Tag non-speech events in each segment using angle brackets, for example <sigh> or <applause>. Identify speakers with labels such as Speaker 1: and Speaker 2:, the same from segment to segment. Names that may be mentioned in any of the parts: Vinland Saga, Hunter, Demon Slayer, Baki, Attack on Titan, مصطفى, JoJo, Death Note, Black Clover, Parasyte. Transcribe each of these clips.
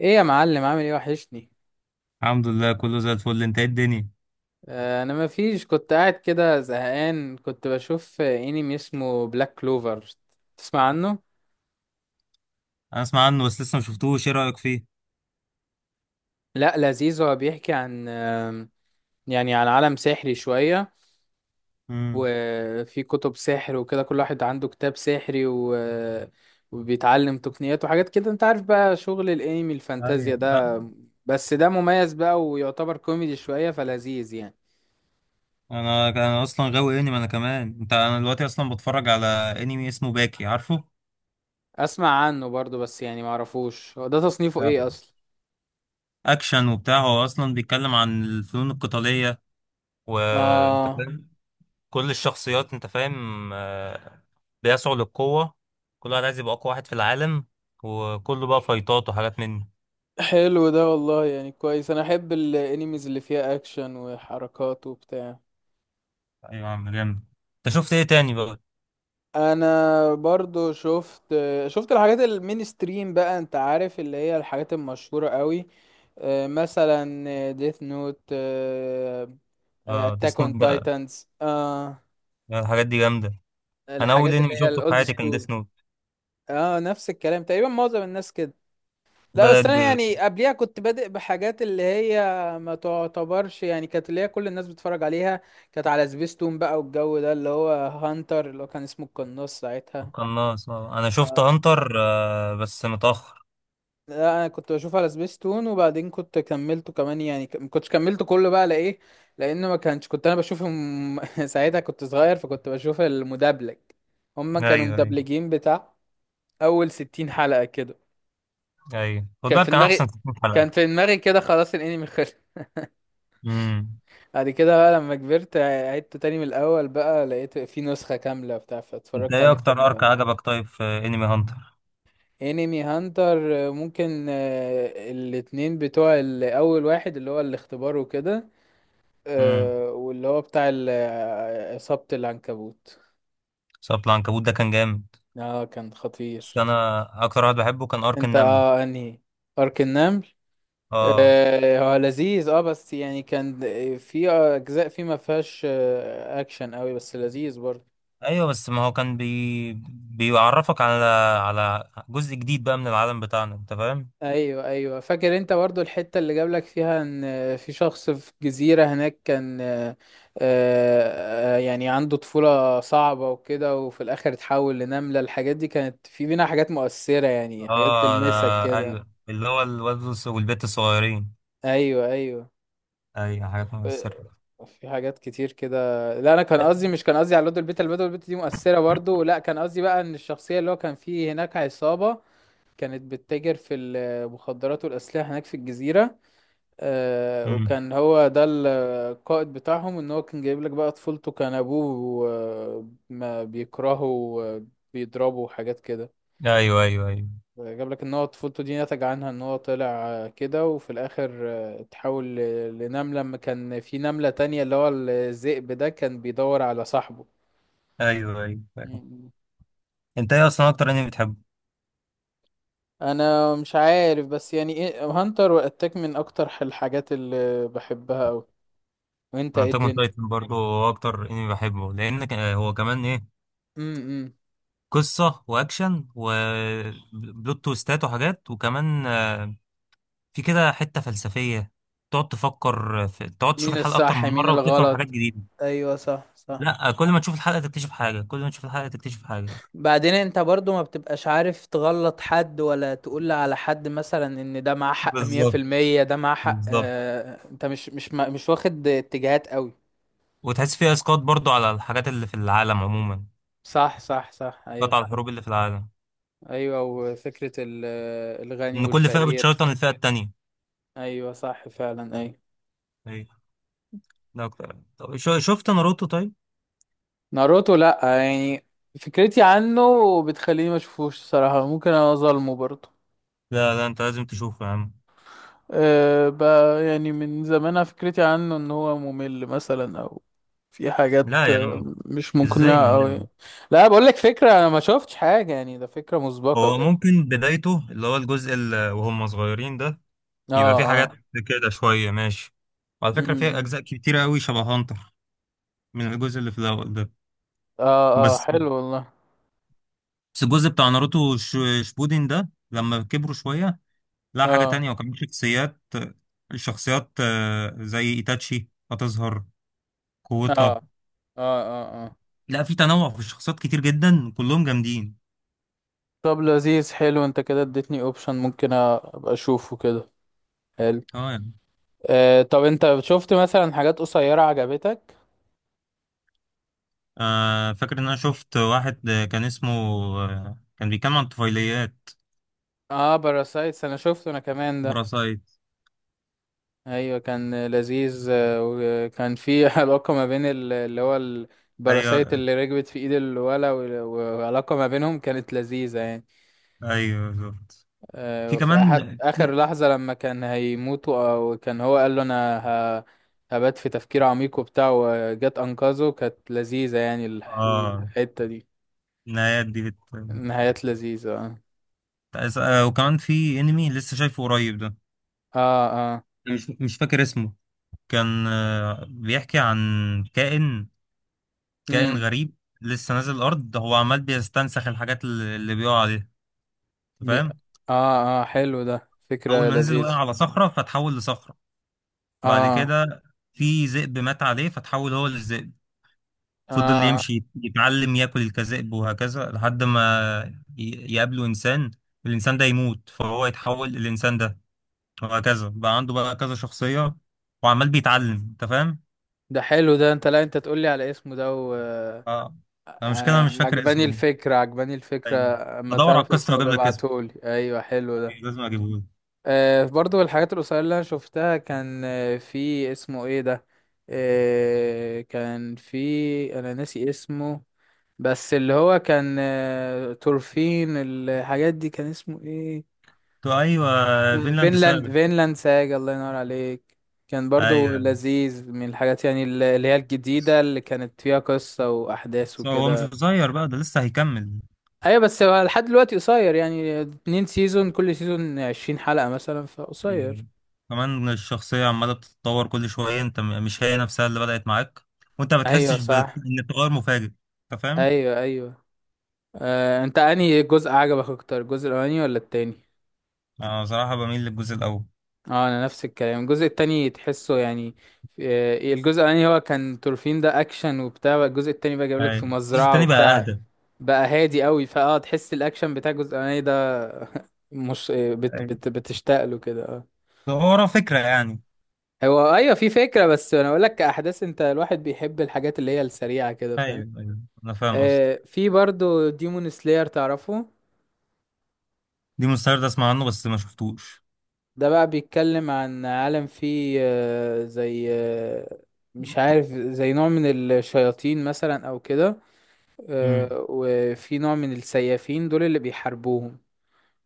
Speaker 1: ايه يا معلم، عامل ايه؟ وحشني.
Speaker 2: الحمد لله كله زي الفل. انت ايه الدنيا؟
Speaker 1: انا ما فيش، كنت قاعد كده زهقان، كنت بشوف انمي اسمه بلاك كلوفر. تسمع عنه؟
Speaker 2: انا اسمع عنه بس لسه ما شفتوش. ايه رايك فيه؟
Speaker 1: لا لذيذ، هو بيحكي عن يعني عن عالم سحري شوية،
Speaker 2: امم.
Speaker 1: وفي كتب سحر وكده، كل واحد عنده كتاب سحري وبيتعلم تقنيات وحاجات كده. انت عارف بقى شغل الانمي الفانتازيا
Speaker 2: ايوه، لا.
Speaker 1: ده، بس ده مميز بقى ويعتبر كوميدي شوية، فلذيذ يعني.
Speaker 2: انا اصلا غاوي انمي انا كمان. انا دلوقتي اصلا بتفرج على انمي اسمه باكي، عارفه؟
Speaker 1: اسمع عنه برضو بس يعني معرفوش هو ده تصنيفه
Speaker 2: لا،
Speaker 1: ايه اصلا.
Speaker 2: اكشن وبتاع. هو اصلا بيتكلم عن الفنون القتاليه، وانت
Speaker 1: اه
Speaker 2: فاهم. كل الشخصيات، انت فاهم، بيسعوا للقوه. كل واحد عايز يبقى اقوى واحد في العالم، وكله بقى فايتات وحاجات من دي.
Speaker 1: حلو ده والله، يعني كويس، انا احب الانيميز اللي فيها اكشن وحركات وبتاع.
Speaker 2: ايوه يا عم، جامد. انت شفت ايه تاني بقى؟
Speaker 1: انا برضو شفت، شفت الحاجات المين ستريم بقى، انت عارف اللي هي الحاجات المشهورة قوي. مثلا ديث نوت،
Speaker 2: اه،
Speaker 1: اتاك
Speaker 2: ديس نوت
Speaker 1: اون
Speaker 2: بقى،
Speaker 1: تايتنز،
Speaker 2: الحاجات دي جامده. انا اول
Speaker 1: الحاجات اللي
Speaker 2: انمي
Speaker 1: هي
Speaker 2: شفته في
Speaker 1: الاولد
Speaker 2: حياتي كان
Speaker 1: سكول.
Speaker 2: ديس نوت.
Speaker 1: اه نفس الكلام تقريبا، معظم الناس كده. لا
Speaker 2: بدأت
Speaker 1: بس انا
Speaker 2: ب-
Speaker 1: يعني قبليها كنت بادئ بحاجات اللي هي، ما تعتبرش يعني، كانت اللي هي كل الناس بتتفرج عليها. كانت على سبيستون بقى، والجو ده، اللي هو هانتر اللي هو كان اسمه القناص ساعتها.
Speaker 2: بالقناص، آه. انا شفت هانتر آه بس متأخر.
Speaker 1: لا انا كنت بشوف على سبيستون، وبعدين كنت كملته كمان يعني، ما كنتش كملته كله بقى لايه؟ لانه ما كانش، كنت انا بشوفهم <laughs> ساعتها كنت صغير، فكنت بشوف المدبلج. هما
Speaker 2: ايوه
Speaker 1: كانوا
Speaker 2: ايوه،
Speaker 1: مدبلجين بتاع اول 60 حلقة كده.
Speaker 2: ايوه خد
Speaker 1: كان
Speaker 2: بالك
Speaker 1: في
Speaker 2: كان احسن.
Speaker 1: دماغي،
Speaker 2: 60 حلقة.
Speaker 1: كان في دماغي كده، خلاص الانمي.
Speaker 2: امم.
Speaker 1: بعد كده بقى لما كبرت عدته تاني من الأول بقى، لقيت في نسخة كاملة بتاع،
Speaker 2: انت
Speaker 1: فاتفرجت
Speaker 2: ايه
Speaker 1: عليه تاني من
Speaker 2: اكتر ارك
Speaker 1: الأول.
Speaker 2: عجبك طيب في انمي هانتر؟
Speaker 1: انمي هانتر، ممكن الاتنين، أول واحد اللي هو الاختبار وكده،
Speaker 2: امم،
Speaker 1: واللي هو بتاع ال- آه، إصابة العنكبوت.
Speaker 2: صوت العنكبوت ده كان جامد.
Speaker 1: اه كان
Speaker 2: بس
Speaker 1: خطير.
Speaker 2: انا اكتر واحد بحبه كان ارك
Speaker 1: انت
Speaker 2: النمل.
Speaker 1: اه انهي؟ أرك النمل.
Speaker 2: اه.
Speaker 1: هو لذيذ اه، بس يعني كان في أجزاء فيه ما فيهاش أكشن قوي، بس لذيذ برضه.
Speaker 2: ايوه، بس ما هو كان بيعرفك على على جزء جديد بقى من العالم بتاعنا، انت فاهم.
Speaker 1: ايوه ايوه فاكر، انت برضو الحته اللي جابلك فيها ان في شخص في جزيره هناك، كان يعني عنده طفوله صعبه وكده، وفي الاخر اتحول لنمله. الحاجات دي كانت في بينا حاجات مؤثره يعني، حاجات
Speaker 2: اه ده.
Speaker 1: تلمسك كده.
Speaker 2: ايوه، اللي هو الولد والبنت الصغيرين.
Speaker 1: ايوه ايوه.
Speaker 2: ايوه، حاجات
Speaker 1: آه،
Speaker 2: مؤثرة.
Speaker 1: في حاجات كتير كده. لا انا كان قصدي، مش كان قصدي على لود البيت، البيت دي مؤثره برضو، لا كان قصدي بقى ان الشخصيه اللي هو كان فيه هناك عصابه كانت بتتاجر في المخدرات والاسلحه هناك في الجزيره.
Speaker 2: امم.
Speaker 1: وكان هو ده القائد بتاعهم. ان هو كان جايب لك بقى طفولته، كان ابوه ما بيكرهه وبيضربه وحاجات كده.
Speaker 2: ايوه ايوه ايوه.
Speaker 1: جاب لك ان هو طفولته دي نتج عنها ان هو طلع كده، وفي الاخر اتحول لنملة، لما كان في نملة تانية اللي هو الذئب ده كان بيدور على صاحبه.
Speaker 2: ايوه ايوه، فاهم.
Speaker 1: مم.
Speaker 2: انت ايه اصلا اكتر انمي بتحبه؟
Speaker 1: انا مش عارف، بس يعني ايه، هانتر واتاك من اكتر الحاجات اللي بحبها اوي. وانت
Speaker 2: انا
Speaker 1: ايه
Speaker 2: اتاك اون
Speaker 1: الدنيا؟
Speaker 2: تايتن برضه هو اكتر انمي بحبه، لان هو كمان ايه،
Speaker 1: امم.
Speaker 2: قصه واكشن وبلوت تويستات وحاجات، وكمان في كده حته فلسفيه. تقعد تفكر تقعد تشوف
Speaker 1: مين
Speaker 2: الحلقه اكتر
Speaker 1: الصح
Speaker 2: من
Speaker 1: مين
Speaker 2: مره وتفهم حاجات
Speaker 1: الغلط.
Speaker 2: جديده.
Speaker 1: ايوه صح.
Speaker 2: لا، كل ما تشوف الحلقه تكتشف حاجه، كل ما تشوف الحلقه تكتشف حاجه.
Speaker 1: بعدين انت برضو ما بتبقاش عارف تغلط حد، ولا تقول على حد مثلا ان ده معاه حق مية في
Speaker 2: بالظبط.
Speaker 1: المية ده معاه حق،
Speaker 2: بالظبط.
Speaker 1: آه انت مش واخد اتجاهات قوي.
Speaker 2: وتحس فيها اسقاط برضو على الحاجات اللي في العالم عموما.
Speaker 1: صح ايوه.
Speaker 2: قطع الحروب اللي في العالم،
Speaker 1: ايوه، وفكرة الغني
Speaker 2: ان كل فئه
Speaker 1: والفقير.
Speaker 2: بتشيطن الفئه التانية.
Speaker 1: ايوه صح فعلا ايوه.
Speaker 2: ايوه. ده اكتر. طب شفت ناروتو طيب؟
Speaker 1: ناروتو لا، يعني فكرتي عنه بتخليني ما اشوفوش الصراحة، ممكن انا اظلمه برضو.
Speaker 2: لا لا، انت لازم تشوفه يا عم.
Speaker 1: أه بقى يعني من زمان أنا فكرتي عنه ان هو ممل مثلا، او في حاجات
Speaker 2: لا يا عم،
Speaker 1: مش
Speaker 2: ازاي
Speaker 1: مقنعة
Speaker 2: ممل؟
Speaker 1: اوي. لا بقول لك فكرة، انا ما شفتش حاجة يعني، ده فكرة مسبقة
Speaker 2: هو
Speaker 1: كده.
Speaker 2: ممكن بدايته اللي هو الجزء اللي وهم صغيرين ده
Speaker 1: اه
Speaker 2: يبقى في حاجات
Speaker 1: اه.
Speaker 2: كده شويه ماشي، وعلى فكره في
Speaker 1: أمم.
Speaker 2: اجزاء كتيره قوي شبه هانتر من الجزء اللي في الاول ده.
Speaker 1: اه اه
Speaker 2: بس
Speaker 1: حلو والله.
Speaker 2: بس الجزء بتاع ناروتو شبودين ده لما كبروا شويه، لا، حاجه
Speaker 1: اه
Speaker 2: تانية. وكمان شخصيات، الشخصيات زي ايتاتشي هتظهر قوتها.
Speaker 1: اه. اه اه. اه.
Speaker 2: لا، في تنوع في الشخصيات كتير جدا، كلهم جامدين.
Speaker 1: طب لذيذ، حلو، انت كده اديتني اوبشن ممكن ابقى اشوفه كده. حلو.
Speaker 2: اه يعني.
Speaker 1: آه طب انت شفت مثلا حاجات قصيرة عجبتك؟
Speaker 2: آه، فاكر ان انا شفت واحد، كان اسمه، آه كان بيتكلم عن الطفيليات،
Speaker 1: اه باراسايتس، انا شفته انا كمان ده.
Speaker 2: براسايت.
Speaker 1: ايوه كان لذيذ، وكان في <laughs> علاقه ما بين اللي هو الباراسايت
Speaker 2: ايوه.
Speaker 1: اللي ركبت في ايد الولا، وعلاقه ما بينهم كانت لذيذه يعني.
Speaker 2: ايوه بالظبط. في
Speaker 1: وفي
Speaker 2: كمان،
Speaker 1: اخر
Speaker 2: في-
Speaker 1: لحظه لما كان هيموتوا، او كان هو قال له انا ه- هبات في تفكير عميق وبتاع، وجت انقذه، كانت لذيذه يعني،
Speaker 2: اه،
Speaker 1: الحته دي.
Speaker 2: النهايات دي
Speaker 1: نهايات لذيذه اه.
Speaker 2: آه. وكمان في انمي لسه شايفه قريب ده،
Speaker 1: اه اه.
Speaker 2: أنا مش فاكر اسمه. كان آه بيحكي عن كائن، كائن
Speaker 1: امم.
Speaker 2: غريب لسه نازل الارض، هو عمال بيستنسخ الحاجات اللي بيقع عليها. أنت
Speaker 1: بي-
Speaker 2: فاهم؟
Speaker 1: اه اه، حلو ده،
Speaker 2: اول
Speaker 1: فكره
Speaker 2: ما نزل وقع
Speaker 1: لذيذه.
Speaker 2: على صخره فتحول لصخره. بعد
Speaker 1: اه
Speaker 2: كده في ذئب مات عليه فتحول هو للذئب. فضل
Speaker 1: اه.
Speaker 2: يمشي يتعلم ياكل كذئب وهكذا لحد ما يقابله انسان، الانسان ده يموت فهو يتحول للانسان ده. وهكذا بقى عنده بقى كذا شخصية، وعمال بيتعلم. انت فاهم؟
Speaker 1: ده حلو ده، انت لا انت تقولي على اسمه ده
Speaker 2: اه. المشكلة انا مش فاكر
Speaker 1: عجباني
Speaker 2: اسمه.
Speaker 1: الفكرة، عجباني الفكرة.
Speaker 2: ايوه،
Speaker 1: اما
Speaker 2: بدور على
Speaker 1: تعرف
Speaker 2: القصة
Speaker 1: اسمه
Speaker 2: واجيب لك اسمه.
Speaker 1: ببعتهولي، ايوه حلو ده.
Speaker 2: أيوة، لازم اجيبه لك.
Speaker 1: آه برضو الحاجات القصيرة اللي انا شفتها، كان في اسمه ايه ده؟ آه كان في، انا ناسي اسمه، بس اللي هو كان تورفين، الحاجات دي، كان اسمه ايه؟
Speaker 2: تو ايوه، فينلاند سابع.
Speaker 1: فينلاند، فينلاند ساج، الله ينور عليك. كان برضو
Speaker 2: ايوه،
Speaker 1: لذيذ من الحاجات يعني، اللي هي
Speaker 2: بس
Speaker 1: الجديدة اللي كانت فيها قصة وأحداث
Speaker 2: هو مش
Speaker 1: وكده.
Speaker 2: قصير بقى، ده لسه هيكمل.
Speaker 1: أيوة بس هو لحد دلوقتي قصير يعني، 2 سيزون، كل سيزون 20 حلقة مثلا، فقصير.
Speaker 2: مم. كمان الشخصية عمالة بتتطور كل شوية، انت مش هي نفسها اللي بدأت معاك. وانت ما
Speaker 1: أيوة
Speaker 2: بتحسش
Speaker 1: صح.
Speaker 2: ان التغير مفاجئ. انت فاهم؟
Speaker 1: أيوة أيوة. أنت أنهي جزء عجبك أكتر، الجزء الأولاني ولا التاني؟
Speaker 2: انا بصراحة بميل للجزء الأول.
Speaker 1: اه انا نفس الكلام، الجزء التاني تحسه يعني، الجزء الاولاني هو كان تورفين ده اكشن وبتاع بقى، الجزء التاني بقى جايبلك
Speaker 2: ايوه،
Speaker 1: في
Speaker 2: الجزء
Speaker 1: مزرعة
Speaker 2: التاني بقى
Speaker 1: وبتاع.
Speaker 2: أهدى.
Speaker 1: بقى هادي قوي، فاه تحس الاكشن بتاع الجزء الاولاني ده <laughs> مش آه، بت
Speaker 2: ايوه،
Speaker 1: بت بتشتاق له كده اه.
Speaker 2: هو ورا فكرة يعني.
Speaker 1: هو ايوه في فكرة، بس انا اقول لك، كاحداث انت الواحد بيحب الحاجات اللي هي السريعة كده، فاهم؟
Speaker 2: ايوه ايوه، انا فاهم قصدي.
Speaker 1: آه في برضو ديمون سلاير، تعرفه؟
Speaker 2: دي مستعد اسمع عنه بس ما شفتوش.
Speaker 1: ده بقى بيتكلم عن عالم فيه آه، زي آه، مش عارف، زي نوع من الشياطين مثلا او كده.
Speaker 2: امم.
Speaker 1: وفي نوع من السيافين دول اللي بيحاربوهم.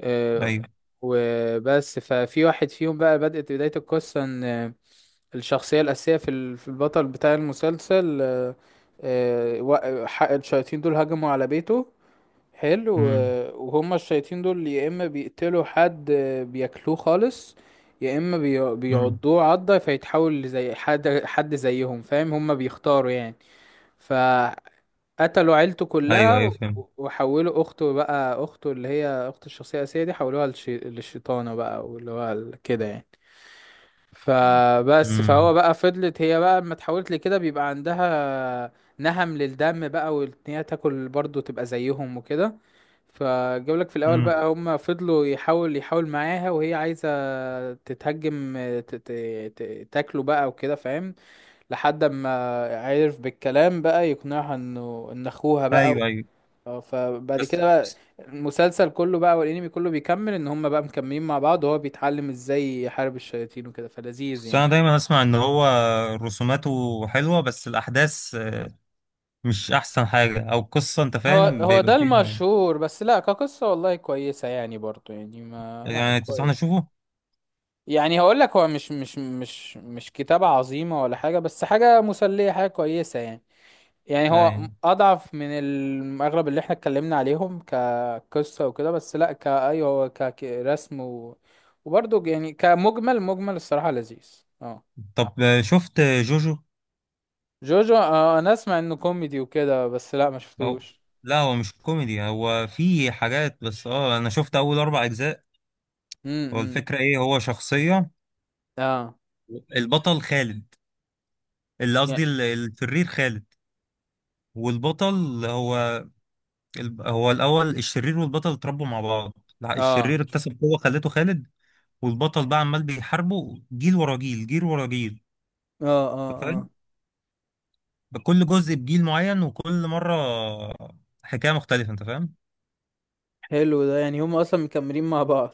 Speaker 1: آه،
Speaker 2: ايوه.
Speaker 1: وبس، ففي واحد فيهم بقى بدأت بداية القصة، ان الشخصية الأساسية في البطل بتاع المسلسل، الشياطين دول هجموا على بيته. حلو،
Speaker 2: امم.
Speaker 1: وهما الشياطين دول يا اما بيقتلوا حد بياكلوه خالص، يا اما
Speaker 2: امم.
Speaker 1: بيعضوه عضة فيتحول زي حد حد زيهم، فاهم؟ هما بيختاروا يعني. فقتلوا عيلته
Speaker 2: ايوه
Speaker 1: كلها
Speaker 2: ايوه، فاهم.
Speaker 1: وحولوا اخته بقى، اخته اللي هي اخت الشخصية الأساسية دي، حولوها للشيطانة بقى، كده يعني. فبس فهو
Speaker 2: امم.
Speaker 1: بقى فضلت هي بقى، لما اتحولت لكده بيبقى عندها نهم للدم بقى، وان هي تاكل برضه تبقى زيهم وكده. فجابلك في الاول
Speaker 2: امم.
Speaker 1: بقى، هما فضلوا، يحاول معاها، وهي عايزه تتهجم، تاكله بقى وكده، فاهم؟ لحد ما عرف بالكلام بقى يقنعها انه ان اخوها بقى
Speaker 2: ايوه ايوه.
Speaker 1: فبعد
Speaker 2: بس
Speaker 1: كده بقى المسلسل كله بقى والانمي كله بيكمل ان هما بقى مكملين مع بعض، وهو بيتعلم ازاي يحارب الشياطين وكده، فلذيذ
Speaker 2: بس
Speaker 1: يعني.
Speaker 2: انا دايما اسمع ان هو رسوماته حلوة بس الأحداث مش <laughs> احسن حاجه او القصه، انت
Speaker 1: هو
Speaker 2: فاهم،
Speaker 1: هو
Speaker 2: بيبقى
Speaker 1: ده
Speaker 2: فيها.
Speaker 1: المشهور، بس لا كقصة والله كويسة يعني، برضو يعني ما، لا
Speaker 2: يعني تنصحني
Speaker 1: كويس.
Speaker 2: اشوفه؟
Speaker 1: يعني هقول لك، هو مش كتابة عظيمة ولا حاجة، بس حاجة مسلية، حاجة كويسة يعني. يعني هو
Speaker 2: يعني.
Speaker 1: أضعف أغلب اللي احنا اتكلمنا عليهم كقصة وكده، بس لا كأيوه هو كرسم وبرضه يعني كمجمل، مجمل الصراحة لذيذ اه.
Speaker 2: طب آه، شفت جوجو؟
Speaker 1: جوجو أنا أسمع إنه كوميدي وكده، بس لا ما
Speaker 2: او،
Speaker 1: شفتوش.
Speaker 2: لا هو مش كوميدي، هو في حاجات بس. اه انا شفت اول اربع اجزاء. هو
Speaker 1: امم.
Speaker 2: الفكره ايه، هو شخصيه
Speaker 1: اه.
Speaker 2: البطل خالد، اللي
Speaker 1: يع-
Speaker 2: قصدي الشرير خالد والبطل هو هو الاول الشرير والبطل اتربوا مع بعض. لا،
Speaker 1: اه اه
Speaker 2: الشرير اكتسب قوه خلته خالد. والبطل بقى عمال بيحاربه جيل ورا جيل، جيل ورا جيل.
Speaker 1: اه اه،
Speaker 2: كل جزء بجيل معين، وكل مرة حكاية مختلفة، انت فاهم.
Speaker 1: حلو ده، يعني هم أصلا مكملين مع بعض.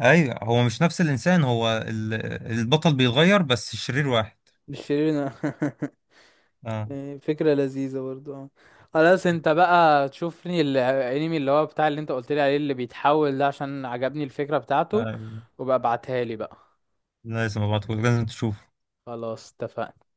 Speaker 2: ايوه، هو مش نفس الانسان، هو البطل بيتغير بس الشرير واحد.
Speaker 1: مش شيرين <laughs>
Speaker 2: اه.
Speaker 1: إيه، فكرة لذيذة برضو اه. خلاص انت بقى تشوف لي الانمي اللي هو بتاع اللي انت قلت لي عليه اللي بيتحول ده، عشان عجبني الفكرة بتاعته،
Speaker 2: آه.
Speaker 1: وبقى ابعتها لي بقى.
Speaker 2: لا، لازم ابعتهولك، لازم تشوفه.
Speaker 1: خلاص اتفقنا.